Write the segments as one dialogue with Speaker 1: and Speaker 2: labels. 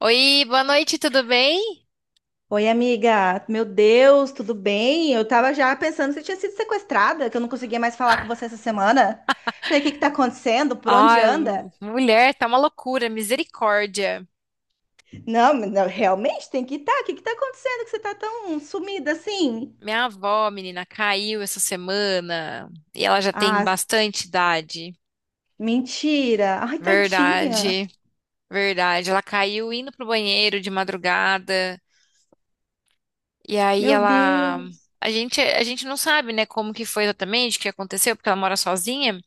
Speaker 1: Oi, boa noite, tudo bem?
Speaker 2: Oi, amiga. Meu Deus, tudo bem? Eu tava já pensando que você tinha sido sequestrada, que eu não conseguia mais falar com você essa semana. Falei, o que que tá acontecendo? Por onde
Speaker 1: Ai,
Speaker 2: anda?
Speaker 1: mulher, tá uma loucura, misericórdia.
Speaker 2: Não, mas não, realmente tem que estar. O que que tá acontecendo que você tá tão sumida assim?
Speaker 1: Minha avó, menina, caiu essa semana e ela já tem
Speaker 2: Ah,
Speaker 1: bastante idade.
Speaker 2: mentira. Ai, tadinha.
Speaker 1: Verdade, verdade. Ela caiu indo pro banheiro de madrugada e aí
Speaker 2: Meu
Speaker 1: ela,
Speaker 2: Deus.
Speaker 1: a gente não sabe, né, como que foi exatamente, o que aconteceu, porque ela mora sozinha.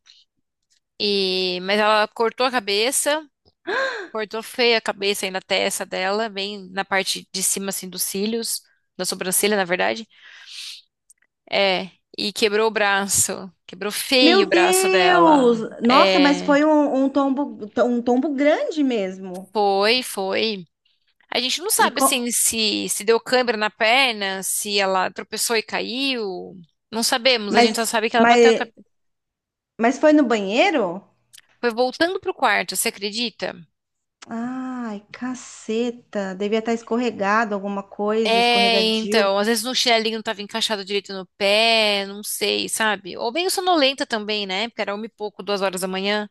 Speaker 1: E, mas ela cortou a cabeça. Cortou feia a cabeça aí na testa dela, bem na parte de cima, assim, dos cílios, da sobrancelha, na verdade. É, e quebrou o braço. Quebrou feio o
Speaker 2: Meu
Speaker 1: braço
Speaker 2: Deus!
Speaker 1: dela.
Speaker 2: Nossa, mas
Speaker 1: É,
Speaker 2: foi um tombo, um tombo grande mesmo.
Speaker 1: foi. A gente não
Speaker 2: E
Speaker 1: sabe,
Speaker 2: co-
Speaker 1: assim, se deu câimbra na perna, se ela tropeçou e caiu. Não sabemos, a gente só
Speaker 2: mas,
Speaker 1: sabe que ela bateu a
Speaker 2: mas,
Speaker 1: cabeça.
Speaker 2: mas foi no banheiro?
Speaker 1: Foi voltando pro quarto, você acredita?
Speaker 2: Ai, caceta. Devia estar escorregado alguma coisa,
Speaker 1: É,
Speaker 2: escorregadio.
Speaker 1: então, às vezes no chinelinho não tava encaixado direito no pé, não sei, sabe? Ou bem sonolenta também, né? Porque era uma e pouco, 2 horas da manhã.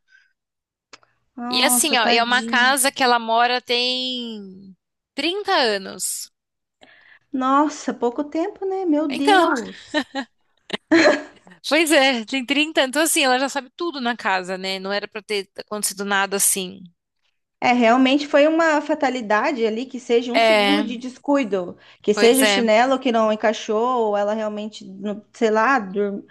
Speaker 1: E assim,
Speaker 2: Nossa,
Speaker 1: ó, e é uma
Speaker 2: tadinha.
Speaker 1: casa que ela mora tem 30 anos.
Speaker 2: Nossa, pouco tempo, né? Meu
Speaker 1: Então,
Speaker 2: Deus.
Speaker 1: pois é, tem 30. Então assim, ela já sabe tudo na casa, né? Não era pra ter acontecido nada assim.
Speaker 2: É, realmente foi uma fatalidade ali, que seja um segundo
Speaker 1: É,
Speaker 2: de descuido, que
Speaker 1: pois
Speaker 2: seja o
Speaker 1: é.
Speaker 2: chinelo que não encaixou, ou ela realmente, sei lá, dur-.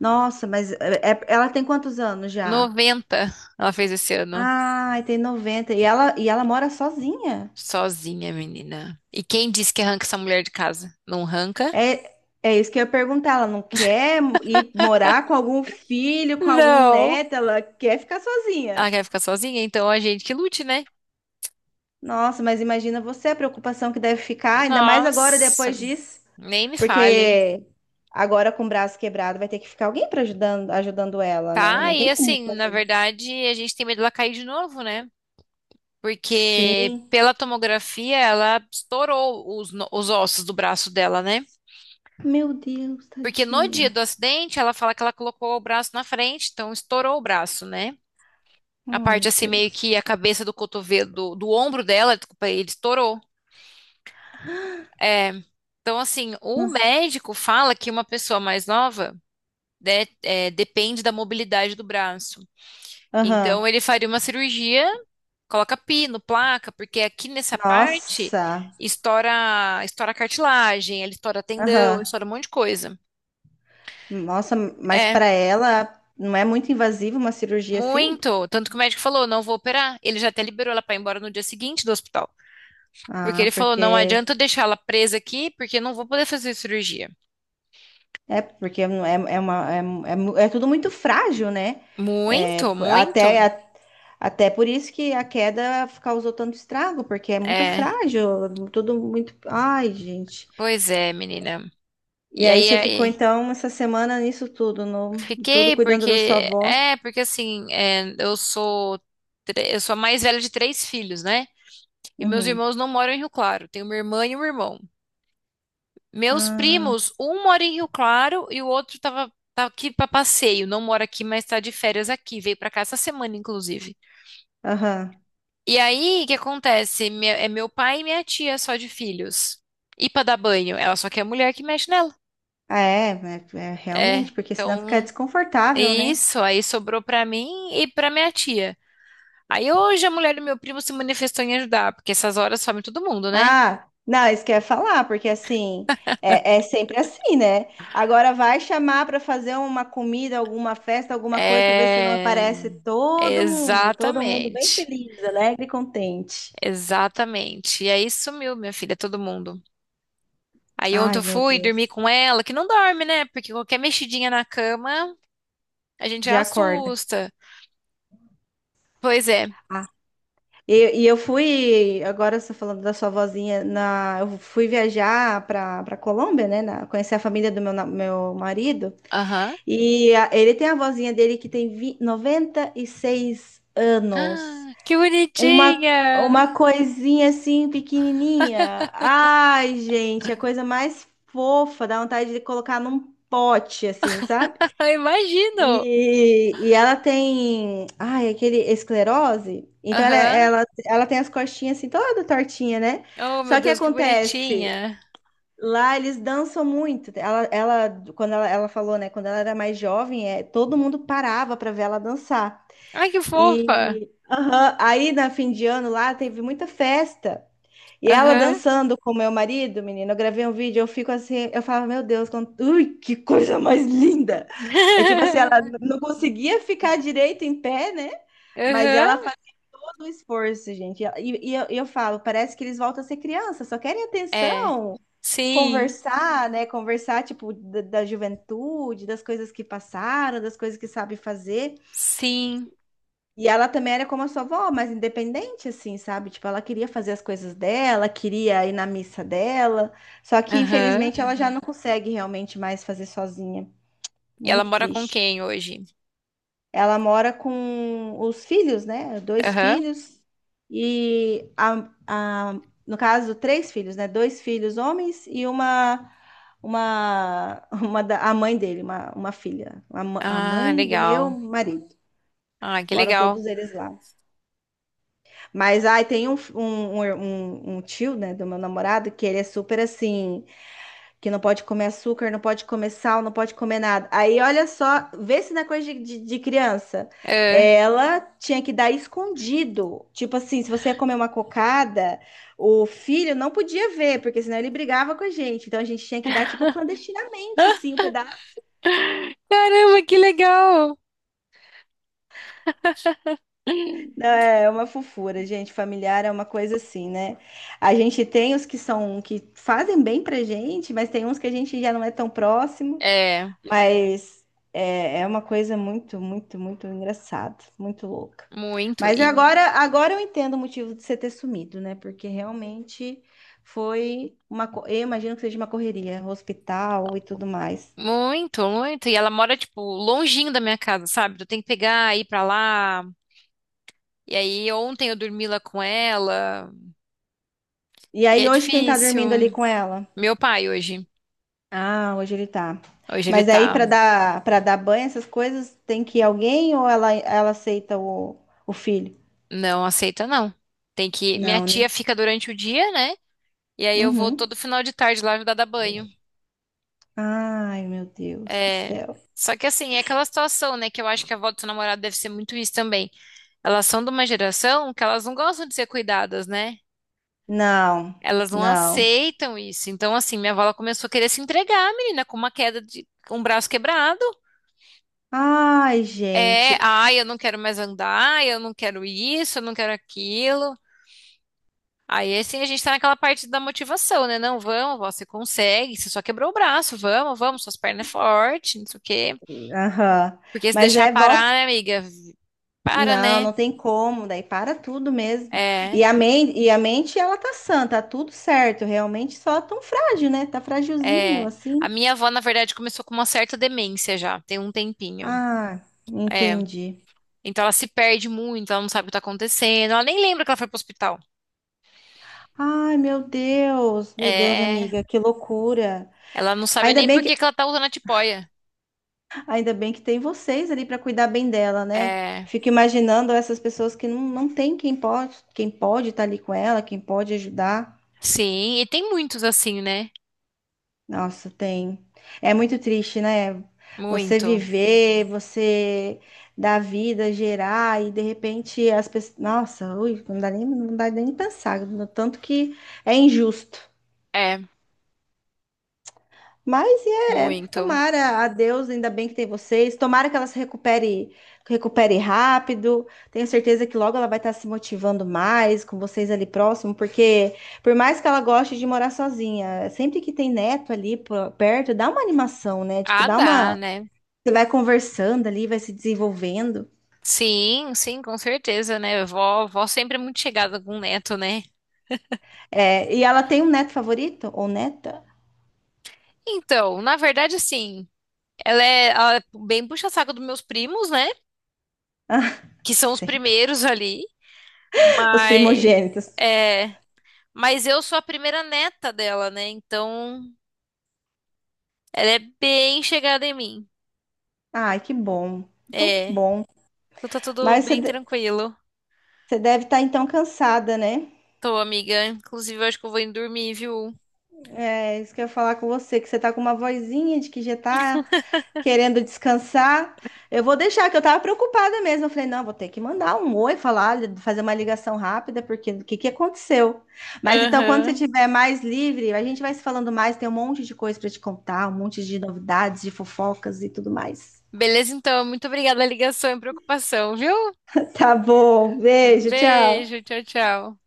Speaker 2: Nossa, mas ela tem quantos anos já?
Speaker 1: 90, ela fez esse ano,
Speaker 2: Ai, tem 90. E ela mora sozinha?
Speaker 1: sozinha, menina. E quem disse que arranca essa mulher de casa? Não arranca?
Speaker 2: É, é isso que eu ia perguntar. Ela não quer ir morar com algum filho, com algum
Speaker 1: Não.
Speaker 2: neto, ela quer ficar sozinha.
Speaker 1: Ela quer ficar sozinha, então a gente que lute, né?
Speaker 2: Nossa, mas imagina você a preocupação que deve ficar, ainda mais agora
Speaker 1: Nossa,
Speaker 2: depois disso,
Speaker 1: nem me fale.
Speaker 2: porque agora com o braço quebrado vai ter que ficar alguém para ajudando ela, né?
Speaker 1: Tá,
Speaker 2: Não
Speaker 1: e
Speaker 2: tem como
Speaker 1: assim, na
Speaker 2: fazer.
Speaker 1: verdade, a gente tem medo dela cair de novo, né? Porque
Speaker 2: Sim.
Speaker 1: pela tomografia, ela estourou os, os ossos do braço dela, né?
Speaker 2: Meu Deus,
Speaker 1: Porque no dia
Speaker 2: tadinha.
Speaker 1: do acidente, ela fala que ela colocou o braço na frente, então estourou o braço, né?
Speaker 2: Oh,
Speaker 1: A parte
Speaker 2: meu
Speaker 1: assim, meio que a
Speaker 2: Deus.
Speaker 1: cabeça do cotovelo, do ombro dela, desculpa, ele estourou. É. Então, assim, o
Speaker 2: Não.
Speaker 1: médico fala que uma pessoa mais nova. Né, é, depende da mobilidade do braço. Então,
Speaker 2: Aham.
Speaker 1: ele faria uma cirurgia, coloca pino, placa, porque aqui nessa parte
Speaker 2: Nossa.
Speaker 1: estoura cartilagem, ele estoura tendão,
Speaker 2: Aham.
Speaker 1: estoura um monte de coisa.
Speaker 2: Nossa, mas
Speaker 1: É,
Speaker 2: para ela não é muito invasiva uma cirurgia assim?
Speaker 1: muito. Tanto que o médico falou, não vou operar. Ele já até liberou ela para ir embora no dia seguinte do hospital. Porque
Speaker 2: Ah,
Speaker 1: ele falou, não adianta eu deixar ela presa aqui, porque eu não vou poder fazer cirurgia.
Speaker 2: porque é, é é uma é tudo muito frágil, né? É,
Speaker 1: Muito, muito.
Speaker 2: até por isso que a queda causou tanto estrago, porque é muito
Speaker 1: É,
Speaker 2: frágil, tudo muito. Ai, gente.
Speaker 1: pois é, menina.
Speaker 2: E
Speaker 1: E
Speaker 2: aí
Speaker 1: aí,
Speaker 2: você ficou
Speaker 1: aí
Speaker 2: então essa semana nisso tudo, no tudo
Speaker 1: fiquei
Speaker 2: cuidando da sua
Speaker 1: porque
Speaker 2: avó.
Speaker 1: é porque assim é, eu sou eu sou a mais velha de 3 filhos, né? E meus
Speaker 2: Uhum.
Speaker 1: irmãos não moram em Rio Claro. Tenho uma irmã e um irmão. Meus
Speaker 2: Ah,
Speaker 1: primos, um mora em Rio Claro e o outro tava tá aqui para passeio. Não mora aqui, mas tá de férias aqui. Veio para cá essa semana, inclusive.
Speaker 2: aham.
Speaker 1: E aí, o que acontece? É meu pai e minha tia só de filhos. E para dar banho, ela só quer mulher que mexe nela.
Speaker 2: Ah, é,
Speaker 1: É.
Speaker 2: realmente, porque senão fica
Speaker 1: Então,
Speaker 2: desconfortável, né?
Speaker 1: isso aí sobrou para mim e para minha tia. Aí hoje a mulher do meu primo se manifestou em ajudar, porque essas horas some todo mundo, né?
Speaker 2: Ah, não, isso que eu ia falar, porque assim, é sempre assim, né? Agora vai chamar para fazer uma comida, alguma festa, alguma coisa, para ver se não aparece
Speaker 1: É.
Speaker 2: todo mundo bem
Speaker 1: Exatamente.
Speaker 2: feliz, alegre e contente.
Speaker 1: Exatamente. E aí sumiu, minha filha, todo mundo. Aí ontem
Speaker 2: Ai,
Speaker 1: eu
Speaker 2: meu
Speaker 1: fui dormir
Speaker 2: Deus,
Speaker 1: com ela, que não dorme, né? Porque qualquer mexidinha na cama, a gente já
Speaker 2: já acorda.
Speaker 1: assusta. Pois é.
Speaker 2: Ah, e eu fui, agora você falando da sua vozinha, eu fui viajar para Colômbia, né? Conhecer a família do meu marido,
Speaker 1: Aham.
Speaker 2: e ele tem a vozinha dele que tem 96 anos.
Speaker 1: Ah, que
Speaker 2: Uma,
Speaker 1: bonitinha!
Speaker 2: uma coisinha assim, pequenininha. Ai, gente, a coisa mais fofa, dá vontade de colocar num pote, assim, sabe?
Speaker 1: Eu imagino!
Speaker 2: E ela tem, ai, aquele esclerose. Então ela,
Speaker 1: Aham.
Speaker 2: ela, ela tem as costinhas assim, toda tortinha, né?
Speaker 1: Oh, meu
Speaker 2: Só que
Speaker 1: Deus, que
Speaker 2: acontece,
Speaker 1: bonitinha!
Speaker 2: lá eles dançam muito. Ela quando ela falou, né? Quando ela era mais jovem, é, todo mundo parava para ver ela dançar.
Speaker 1: Ai, que fofa!
Speaker 2: E aham, aí na fim de ano lá teve muita festa. E ela
Speaker 1: Aham.
Speaker 2: dançando com meu marido, menina, eu gravei um vídeo, eu fico assim, eu falava, meu Deus, ui, que coisa mais linda! É tipo assim, ela não conseguia ficar direito em pé, né? Mas ela
Speaker 1: Aham.
Speaker 2: fazia todo o esforço, gente. E eu falo, parece que eles voltam a ser criança, só querem
Speaker 1: É.
Speaker 2: atenção,
Speaker 1: Sim,
Speaker 2: conversar, né? Conversar, tipo, da juventude, das coisas que passaram, das coisas que sabe fazer.
Speaker 1: sim.
Speaker 2: E ela também era como a sua avó, mas independente, assim, sabe? Tipo, ela queria fazer as coisas dela, queria ir na missa dela. Só que,
Speaker 1: Aham.
Speaker 2: infelizmente, ela já, uhum, não, uhum, consegue realmente mais fazer sozinha.
Speaker 1: E ela
Speaker 2: Muito
Speaker 1: mora com
Speaker 2: triste.
Speaker 1: quem hoje?
Speaker 2: Ela mora com os filhos, né? Dois
Speaker 1: Aham.
Speaker 2: filhos. E, no caso, três filhos, né? Dois filhos homens e uma, a mãe dele, uma filha. A
Speaker 1: Ah,
Speaker 2: mãe do meu
Speaker 1: legal.
Speaker 2: marido.
Speaker 1: Ah, que
Speaker 2: Moram
Speaker 1: legal.
Speaker 2: todos eles lá. Mas ai, tem um, um, um, er, um um tio, né, do meu namorado, que ele é super assim, que não pode comer açúcar, não pode comer sal, não pode comer nada. Aí olha só, vê se na coisa de, de criança.
Speaker 1: É.
Speaker 2: Ela tinha que dar escondido. Tipo assim, se você ia comer uma cocada, o filho não podia ver, porque senão ele brigava com a gente. Então a gente tinha que dar, tipo, clandestinamente, assim, o pedaço.
Speaker 1: Caramba, que legal.
Speaker 2: Não. É uma fofura, gente. Familiar é uma coisa assim, né? A gente tem os que são que fazem bem pra gente, mas tem uns que a gente já não é tão próximo.
Speaker 1: É,
Speaker 2: Mas é uma coisa muito, muito, muito engraçada, muito louca.
Speaker 1: muito.
Speaker 2: Mas eu
Speaker 1: E,
Speaker 2: agora eu entendo o motivo de você ter sumido, né? Porque realmente foi eu imagino que seja uma correria, hospital e tudo mais.
Speaker 1: muito. E ela mora, tipo, longinho da minha casa, sabe? Eu tenho que pegar, ir pra lá. E aí, ontem eu dormi lá com ela.
Speaker 2: E
Speaker 1: E
Speaker 2: aí
Speaker 1: é
Speaker 2: hoje quem tá
Speaker 1: difícil.
Speaker 2: dormindo ali com ela?
Speaker 1: Meu pai hoje.
Speaker 2: Ah, hoje ele tá.
Speaker 1: Hoje ele
Speaker 2: Mas aí
Speaker 1: tá.
Speaker 2: para dar banho, essas coisas, tem que ir alguém ou ela aceita o filho?
Speaker 1: Não aceita, não. Tem que. Minha
Speaker 2: Não, né?
Speaker 1: tia fica durante o dia, né? E aí eu vou
Speaker 2: Uhum.
Speaker 1: todo final de tarde lá ajudar a dar banho.
Speaker 2: Ai, meu Deus do
Speaker 1: É,
Speaker 2: céu.
Speaker 1: só que assim, é aquela situação, né? Que eu acho que a avó do seu namorado deve ser muito isso também. Elas são de uma geração que elas não gostam de ser cuidadas, né?
Speaker 2: Não,
Speaker 1: Elas não
Speaker 2: não.
Speaker 1: aceitam isso. Então, assim, minha avó ela começou a querer se entregar, menina, com uma queda de com um braço quebrado.
Speaker 2: Ai,
Speaker 1: É,
Speaker 2: gente.
Speaker 1: ai, eu não quero mais andar, eu não quero isso, eu não quero aquilo. Aí, assim, a gente tá naquela parte da motivação, né? Não, vamos, vó, você consegue, você só quebrou o braço, vamos, suas pernas é forte, não sei o quê.
Speaker 2: Aham.
Speaker 1: Porque se
Speaker 2: Mas
Speaker 1: deixar
Speaker 2: é volta.
Speaker 1: parar, né, amiga? Para,
Speaker 2: Não,
Speaker 1: né?
Speaker 2: não tem como, daí para tudo mesmo. E
Speaker 1: É,
Speaker 2: a mente, e a mente ela tá sã, tá tudo certo, realmente só tão frágil, né? Tá fragilzinho
Speaker 1: é. A
Speaker 2: assim.
Speaker 1: minha avó, na verdade, começou com uma certa demência já, tem um tempinho.
Speaker 2: Ah,
Speaker 1: É.
Speaker 2: entendi.
Speaker 1: Então ela se perde muito, ela não sabe o que tá acontecendo, ela nem lembra que ela foi pro hospital.
Speaker 2: Ai, meu Deus,
Speaker 1: É.
Speaker 2: amiga, que loucura.
Speaker 1: Ela não sabe
Speaker 2: Ainda
Speaker 1: nem
Speaker 2: bem
Speaker 1: por que
Speaker 2: que,
Speaker 1: que ela tá usando a tipoia.
Speaker 2: ainda bem que tem vocês ali para cuidar bem dela, né?
Speaker 1: É.
Speaker 2: Fico imaginando essas pessoas que não tem quem pode estar ali com ela, quem pode ajudar.
Speaker 1: Sim, e tem muitos assim, né?
Speaker 2: Nossa, tem. É muito triste, né? Você
Speaker 1: Muito.
Speaker 2: viver, você dar vida, gerar e de repente as pessoas, nossa, ui, não dá nem pensar, no tanto que é injusto.
Speaker 1: É,
Speaker 2: Mas é,
Speaker 1: muito.
Speaker 2: tomara a Deus, ainda bem que tem vocês. Tomara que ela se recupere, rápido. Tenho certeza que logo ela vai estar se motivando mais com vocês ali próximo, porque por mais que ela goste de morar sozinha, sempre que tem neto ali perto, dá uma animação, né? Tipo,
Speaker 1: Ah,
Speaker 2: dá
Speaker 1: dá,
Speaker 2: uma.
Speaker 1: né?
Speaker 2: Você vai conversando ali, vai se desenvolvendo.
Speaker 1: Sim, sim, com certeza, né? Vó, vó sempre é muito chegada com o neto, né?
Speaker 2: É, e ela tem um neto favorito ou neta?
Speaker 1: Então, na verdade, assim, ela é, ela é bem puxa-saco dos meus primos, né? Que são os
Speaker 2: Sempre.
Speaker 1: primeiros ali.
Speaker 2: Os
Speaker 1: Mas,
Speaker 2: primogênitos.
Speaker 1: é, mas eu sou a primeira neta dela, né? Então, ela é bem chegada em mim.
Speaker 2: Ai, que bom. Então, que
Speaker 1: É,
Speaker 2: bom.
Speaker 1: então tá tudo
Speaker 2: Mas você
Speaker 1: bem tranquilo.
Speaker 2: Você deve estar então cansada, né?
Speaker 1: Tô, amiga. Inclusive, eu acho que eu vou indo dormir, viu?
Speaker 2: É isso que eu ia falar com você, que você tá com uma vozinha de que já tá querendo descansar. Eu vou deixar, que eu tava preocupada mesmo. Eu falei, não, vou ter que mandar um oi, falar, fazer uma ligação rápida, porque o que que aconteceu? Mas então, quando você
Speaker 1: Aham.
Speaker 2: estiver mais livre, a gente vai se falando mais, tem um monte de coisa para te contar, um monte de novidades, de fofocas e tudo mais.
Speaker 1: Beleza, então. Muito obrigada a ligação e preocupação, viu?
Speaker 2: Tá bom, beijo, tchau.
Speaker 1: Beijo, tchau, tchau.